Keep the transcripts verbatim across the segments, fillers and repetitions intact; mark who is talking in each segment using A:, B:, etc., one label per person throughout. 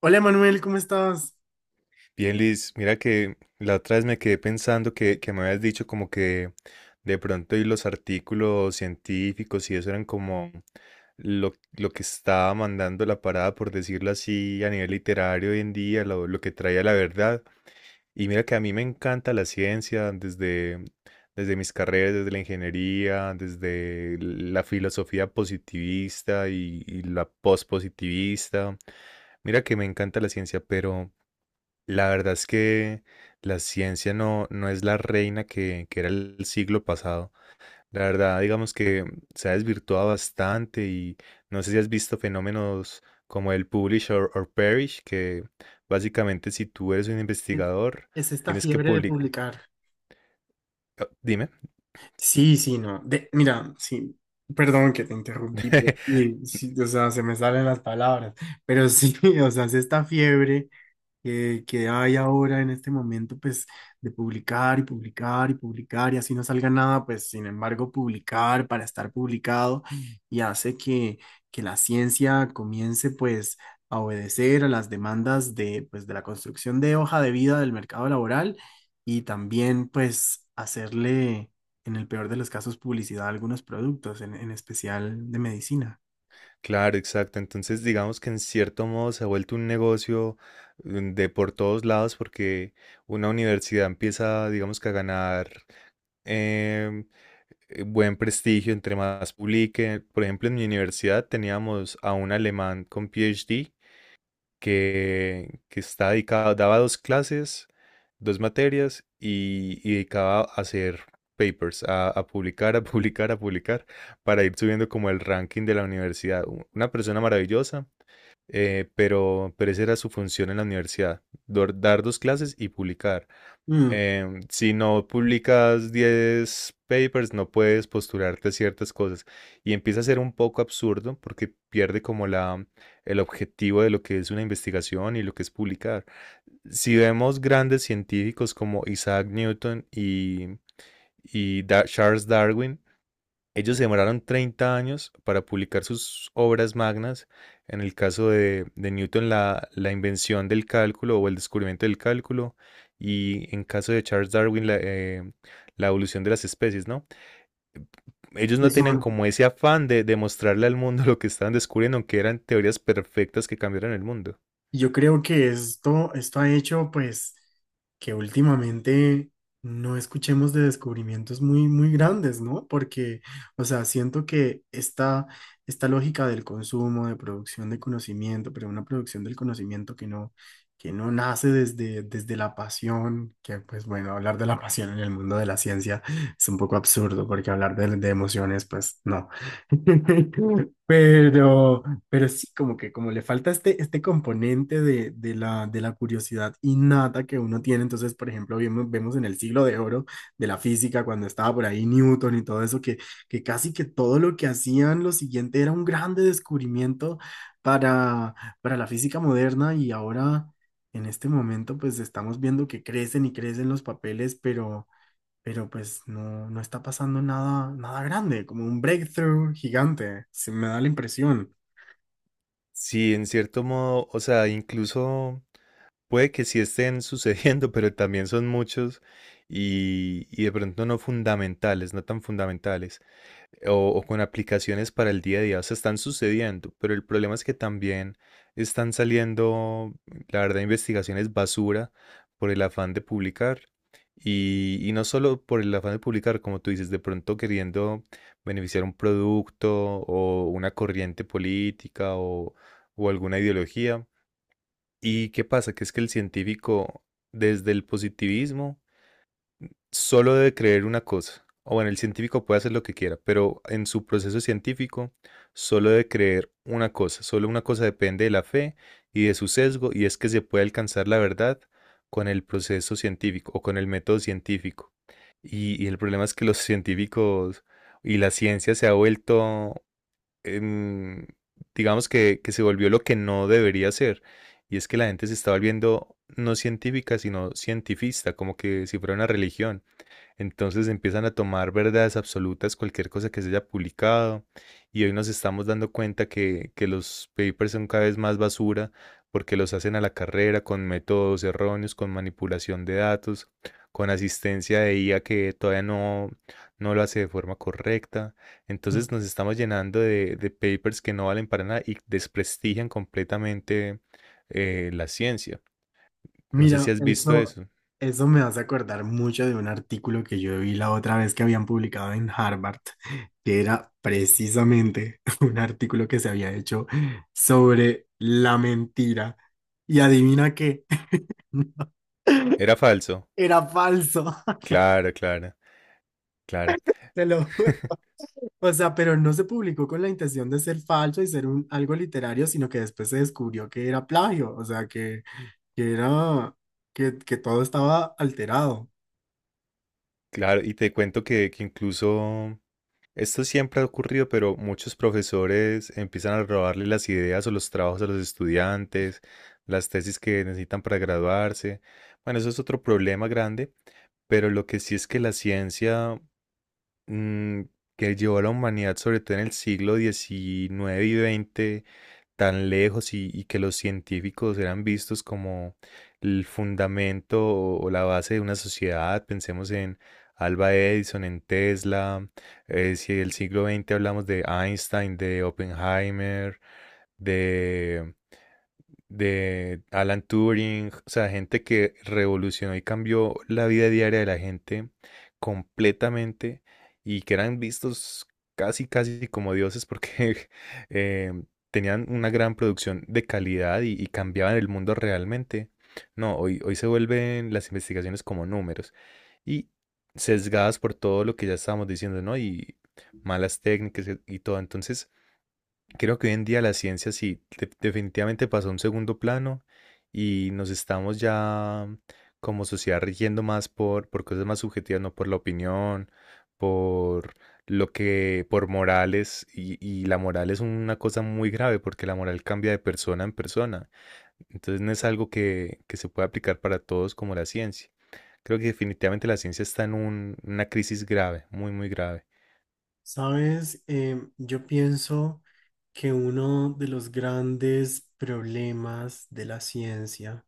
A: Hola Manuel, ¿Cómo estás?
B: Bien, Liz, mira que la otra vez me quedé pensando que, que me habías dicho como que de pronto y los artículos científicos y eso eran como lo, lo que estaba mandando la parada, por decirlo así, a nivel literario hoy en día, lo, lo que traía la verdad. Y mira que a mí me encanta la ciencia desde, desde mis carreras, desde la ingeniería, desde la filosofía positivista y, y la pospositivista. Mira que me encanta la ciencia, pero. La verdad es que la ciencia no, no es la reina que, que era el siglo pasado. La verdad, digamos que se ha desvirtuado bastante y no sé si has visto fenómenos como el publish or, or perish, que básicamente si tú eres un investigador,
A: Es esta
B: tienes que
A: fiebre de
B: publicar.
A: publicar.
B: Dime.
A: Sí, sí, no. De, mira, sí, perdón que te interrumpí, pero sí, sí, o sea, se me salen las palabras, pero sí, o sea, es esta fiebre que, que hay ahora en este momento, pues, de publicar y publicar y publicar y así no salga nada, pues, sin embargo, publicar para estar publicado y hace que, que la ciencia comience, pues, a obedecer a las demandas de, pues, de la construcción de hoja de vida del mercado laboral y también, pues, hacerle, en el peor de los casos, publicidad a algunos productos, en, en especial de medicina.
B: Claro, exacto. Entonces, digamos que en cierto modo se ha vuelto un negocio mm, de por todos lados porque una universidad empieza, digamos que a ganar em, eh, buen prestigio entre más publique. Por ejemplo, en mi universidad teníamos a un alemán con PhD que, que está dedicado, daba dos clases, dos materias y, y dedicaba a hacer papers, a, a publicar, a publicar, a publicar, para ir subiendo como el ranking de la universidad. U- Una persona maravillosa, eh, pero, pero esa era su función en la universidad, dor- dar dos clases y publicar.
A: Mm,
B: Em, si no publicas diez papers, no puedes postularte a ciertas cosas. Y empieza a ser un poco absurdo porque pierde como la, el objetivo de lo que es una investigación y lo que es publicar. Si vemos grandes científicos como Isaac Newton y, y Da- Charles Darwin, ellos se demoraron treinta años para publicar sus obras magnas. En el caso de, de Newton, la, la invención del cálculo o el descubrimiento del cálculo. Y en caso de Charles Darwin, la, eh, la evolución de las especies, ¿no? Ellos no
A: es
B: tenían
A: un-
B: como ese afán de demostrarle al mundo lo que estaban descubriendo, aunque eran teorías perfectas que cambiaron el mundo.
A: Yo creo que esto, esto ha hecho pues que últimamente no escuchemos de descubrimientos muy, muy grandes, ¿no? Porque, o sea, siento que esta, esta lógica del consumo, de producción de conocimiento, pero una producción del conocimiento que no, que no nace desde, desde la pasión, que pues bueno, hablar de la pasión en el mundo de la ciencia es un poco absurdo, porque hablar de, de emociones, pues no. Pero... Pero sí, como que como le falta este, este componente de, de la, de la curiosidad innata que uno tiene. Entonces, por ejemplo, vemos, vemos en el siglo de oro de la física, cuando estaba por ahí Newton y todo eso, que, que casi que todo lo que hacían, lo siguiente era un grande descubrimiento para, para la física moderna y ahora, en este momento, pues estamos viendo que crecen y crecen los papeles, pero, pero pues no, no está pasando nada, nada grande, como un breakthrough gigante. Se me da la impresión.
B: Sí, en cierto modo, o sea, incluso Puede que sí estén sucediendo, pero también son muchos y, y de pronto no fundamentales, no tan fundamentales, o, o con aplicaciones para el día a día. O sea, están sucediendo, pero el problema es que también están saliendo, la verdad, investigaciones basura por el afán de publicar. Y, y no solo por el afán de publicar, como tú dices, de pronto queriendo beneficiar un producto o una corriente política o, o alguna ideología. ¿Y qué pasa? Que es que el científico, desde el positivismo, solo debe creer una cosa. O bueno, el científico puede hacer lo que quiera, pero en su proceso científico solo debe creer una cosa. Solo una cosa depende de la fe y de su sesgo, y es que se puede alcanzar la verdad con el proceso científico o con el método científico. Y, y el problema es que los científicos y la ciencia se ha vuelto em, digamos que, que se volvió lo que no debería ser. Y es que la gente se está volviendo no científica, sino cientifista, como que si fuera una religión. Entonces empiezan a tomar verdades absolutas cualquier cosa que se haya publicado y hoy nos estamos dando cuenta que, que los papers son cada vez más basura porque los hacen a la carrera con métodos erróneos, con manipulación de datos, con asistencia de I A que todavía no, no lo hace de forma correcta. Entonces nos estamos llenando de, de papers que no valen para nada y desprestigian completamente eh, la ciencia. No sé
A: Mira,
B: si has visto
A: eso,
B: eso.
A: eso me hace acordar mucho de un artículo que yo vi la otra vez que habían publicado en Harvard, que era precisamente un artículo que se había hecho sobre la mentira. Y adivina qué,
B: Era falso.
A: era falso.
B: Claro, claro, claro.
A: Te lo juro. O sea, pero no se publicó con la intención de ser falso y ser un, algo literario, sino que después se descubrió que era plagio, o sea, que, que era, que, que todo estaba alterado.
B: Claro, y te cuento que, que incluso esto siempre ha ocurrido, pero muchos profesores empiezan a robarle las ideas o los trabajos a los estudiantes, las tesis que necesitan para graduarse. Bueno, eso es otro problema grande, pero lo que sí es que la ciencia mm, que llevó a la humanidad, sobre todo en el siglo diecinueve y vigésimo, tan lejos y, y que los científicos eran vistos como el fundamento o, o la base de una sociedad. Pensemos en Alba Edison, en Tesla. eh, si del siglo veinte hablamos de Einstein, de Oppenheimer, de Alan Turing, o sea, gente que revolucionó y cambió la vida diaria de la gente completamente y que eran vistos casi, casi como dioses porque eh, tenían una gran producción de calidad y, y cambiaban el mundo realmente. No, hoy, hoy se vuelven las investigaciones como números y sesgadas por todo lo que ya estábamos diciendo, ¿no? Y malas técnicas y y todo. Entonces, Creo que hoy en día la ciencia sí, de- definitivamente pasó a un segundo plano y nos estamos ya como sociedad rigiendo más por, por cosas más subjetivas, no por la opinión, por lo que, por morales, y, y la moral es una cosa muy grave porque la moral cambia de persona en persona. Entonces no es algo que, que se pueda aplicar para todos como la ciencia. Creo que definitivamente la ciencia está en un- una crisis grave, muy, muy grave.
A: Sabes, Em, yo pienso que uno de los grandes problemas de la ciencia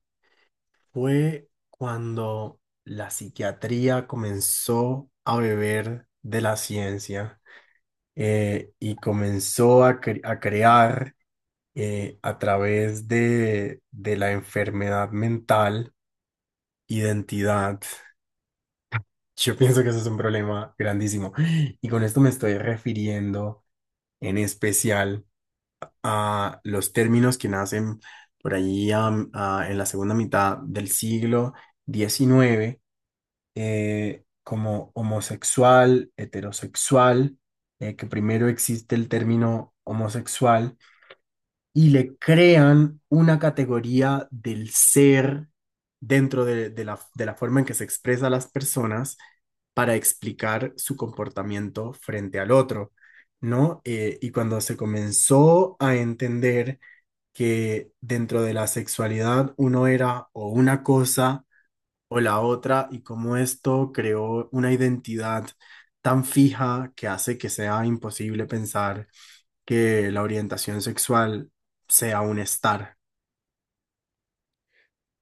A: fue cuando la psiquiatría comenzó a beber de la ciencia, eh, y comenzó a, cre- a crear, eh, a través de, de la enfermedad mental, identidad. Yo pienso que eso es un problema grandísimo. Y con esto me estoy refiriendo en especial a los términos que nacen por ahí, am, a- en la segunda mitad del siglo diecinueve, eh, como homosexual, heterosexual. Eh, que primero existe el término homosexual, y le crean una categoría del ser dentro de, de la, de la forma en que se expresa las personas para explicar su comportamiento frente al otro, ¿no? Eh, y cuando se comenzó a entender que dentro de la sexualidad uno era o una cosa o la otra, y cómo esto creó una identidad tan fija que hace que sea imposible pensar que la orientación sexual sea un estar.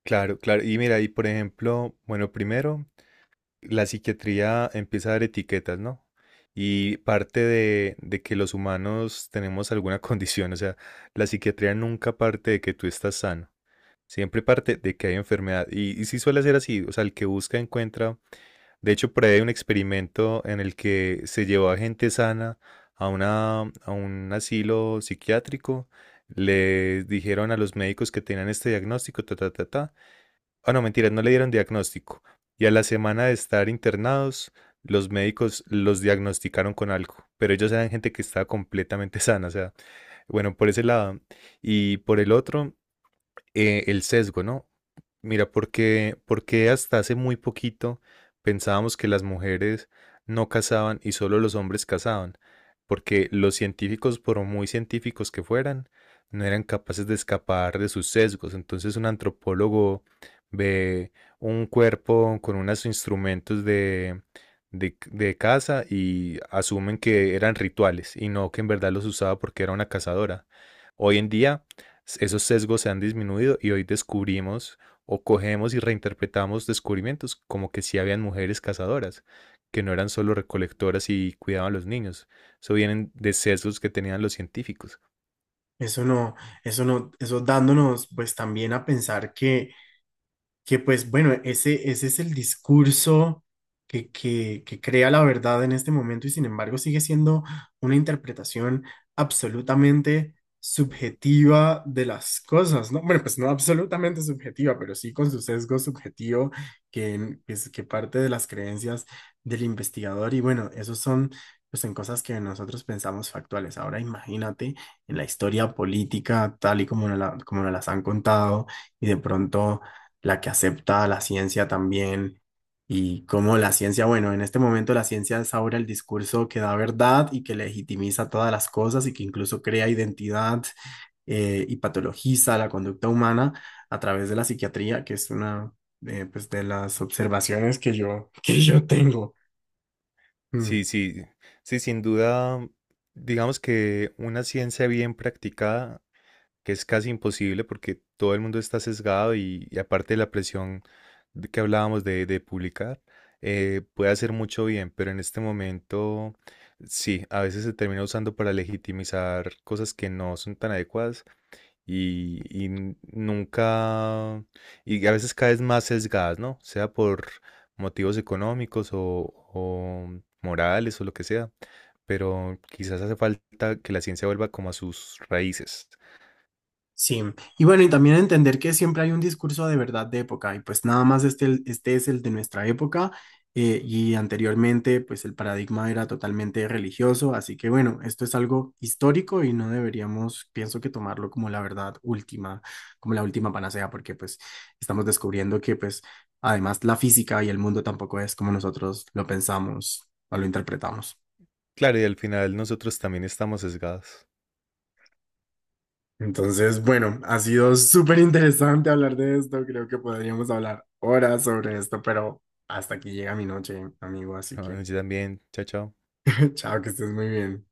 B: Claro, claro. Y mira, y por ejemplo, bueno, primero la psiquiatría empieza a dar etiquetas, ¿no? Y parte de, de que los humanos tenemos alguna condición, o sea, la psiquiatría nunca parte de que tú estás sano, siempre parte de que hay enfermedad. Y, y sí suele ser así, o sea, el que busca encuentra. De hecho, por ahí hay un experimento en el que se llevó a gente sana a una, a un asilo psiquiátrico, les dijeron a los médicos que tenían este diagnóstico, ta, ta, ta, ta. Ah, no, mentira, no le dieron diagnóstico. Y a la semana de estar internados, los médicos los diagnosticaron con algo, pero ellos eran gente que estaba completamente sana, o sea, bueno, por ese lado. Y por el otro, eh, el sesgo, ¿no? Mira, porque, porque hasta hace muy poquito pensábamos que las mujeres no cazaban y solo los hombres cazaban, porque los científicos, por muy científicos que fueran, no eran capaces de escapar de sus sesgos. Entonces un antropólogo ve un cuerpo con unos instrumentos de, de, de caza y asumen que eran rituales y no que en verdad los usaba porque era una cazadora. Hoy en día esos sesgos se han disminuido y hoy descubrimos o cogemos y reinterpretamos descubrimientos como que sí habían mujeres cazadoras, que no eran solo recolectoras y cuidaban a los niños. Eso vienen de sesgos que tenían los científicos.
A: Eso no, eso no, eso dándonos pues también a pensar que Que pues bueno, ese, ese es el discurso que, que, que crea la verdad en este momento, y sin embargo sigue siendo una interpretación absolutamente subjetiva de las cosas, ¿no? Bueno, pues no absolutamente subjetiva, pero sí con su sesgo subjetivo que, en- que, es- que parte de las creencias del investigador. Y bueno, esos son, pues son cosas que nosotros pensamos factuales. Ahora imagínate en la historia política tal y como nos la, como nos las han contado, y de pronto la que acepta la ciencia también, y cómo la ciencia, bueno, en este momento la ciencia es ahora el discurso que da verdad y que legitimiza todas las cosas y que incluso crea identidad, eh, y patologiza la conducta humana a través de la psiquiatría, que es una, eh, pues de las observaciones que yo, que yo tengo. Mm.
B: Sí, sí, sí, sin duda, digamos que una ciencia bien practicada que es casi imposible porque todo el mundo está sesgado y, y aparte de la presión de que hablábamos de, de publicar, eh, puede hacer mucho bien, pero en este momento sí, a veces se termina usando para legitimizar cosas que no son tan adecuadas y, y n- nunca, y a veces cada vez más sesgadas, ¿no? Sea por motivos económicos o, o morales o lo que sea, pero quizás hace falta que la ciencia vuelva como a sus raíces.
A: Sí, y bueno, y también entender que siempre hay un discurso de verdad de época, y pues nada más este, este es el de nuestra época, eh, y anteriormente pues el paradigma era totalmente religioso, así que bueno, esto es algo histórico y no deberíamos, pienso, que tomarlo como la verdad última, como la última panacea, porque pues estamos descubriendo que pues además la física y el mundo tampoco es como nosotros lo pensamos o lo interpretamos.
B: Claro, y al final nosotros también estamos sesgados.
A: Entonces, bueno, ha sido súper interesante hablar de esto. Creo que podríamos hablar horas sobre esto, pero hasta aquí llega mi noche, amigo. Así que,
B: ¿No? Yo también, chao, chao.
A: chao, que estés muy bien.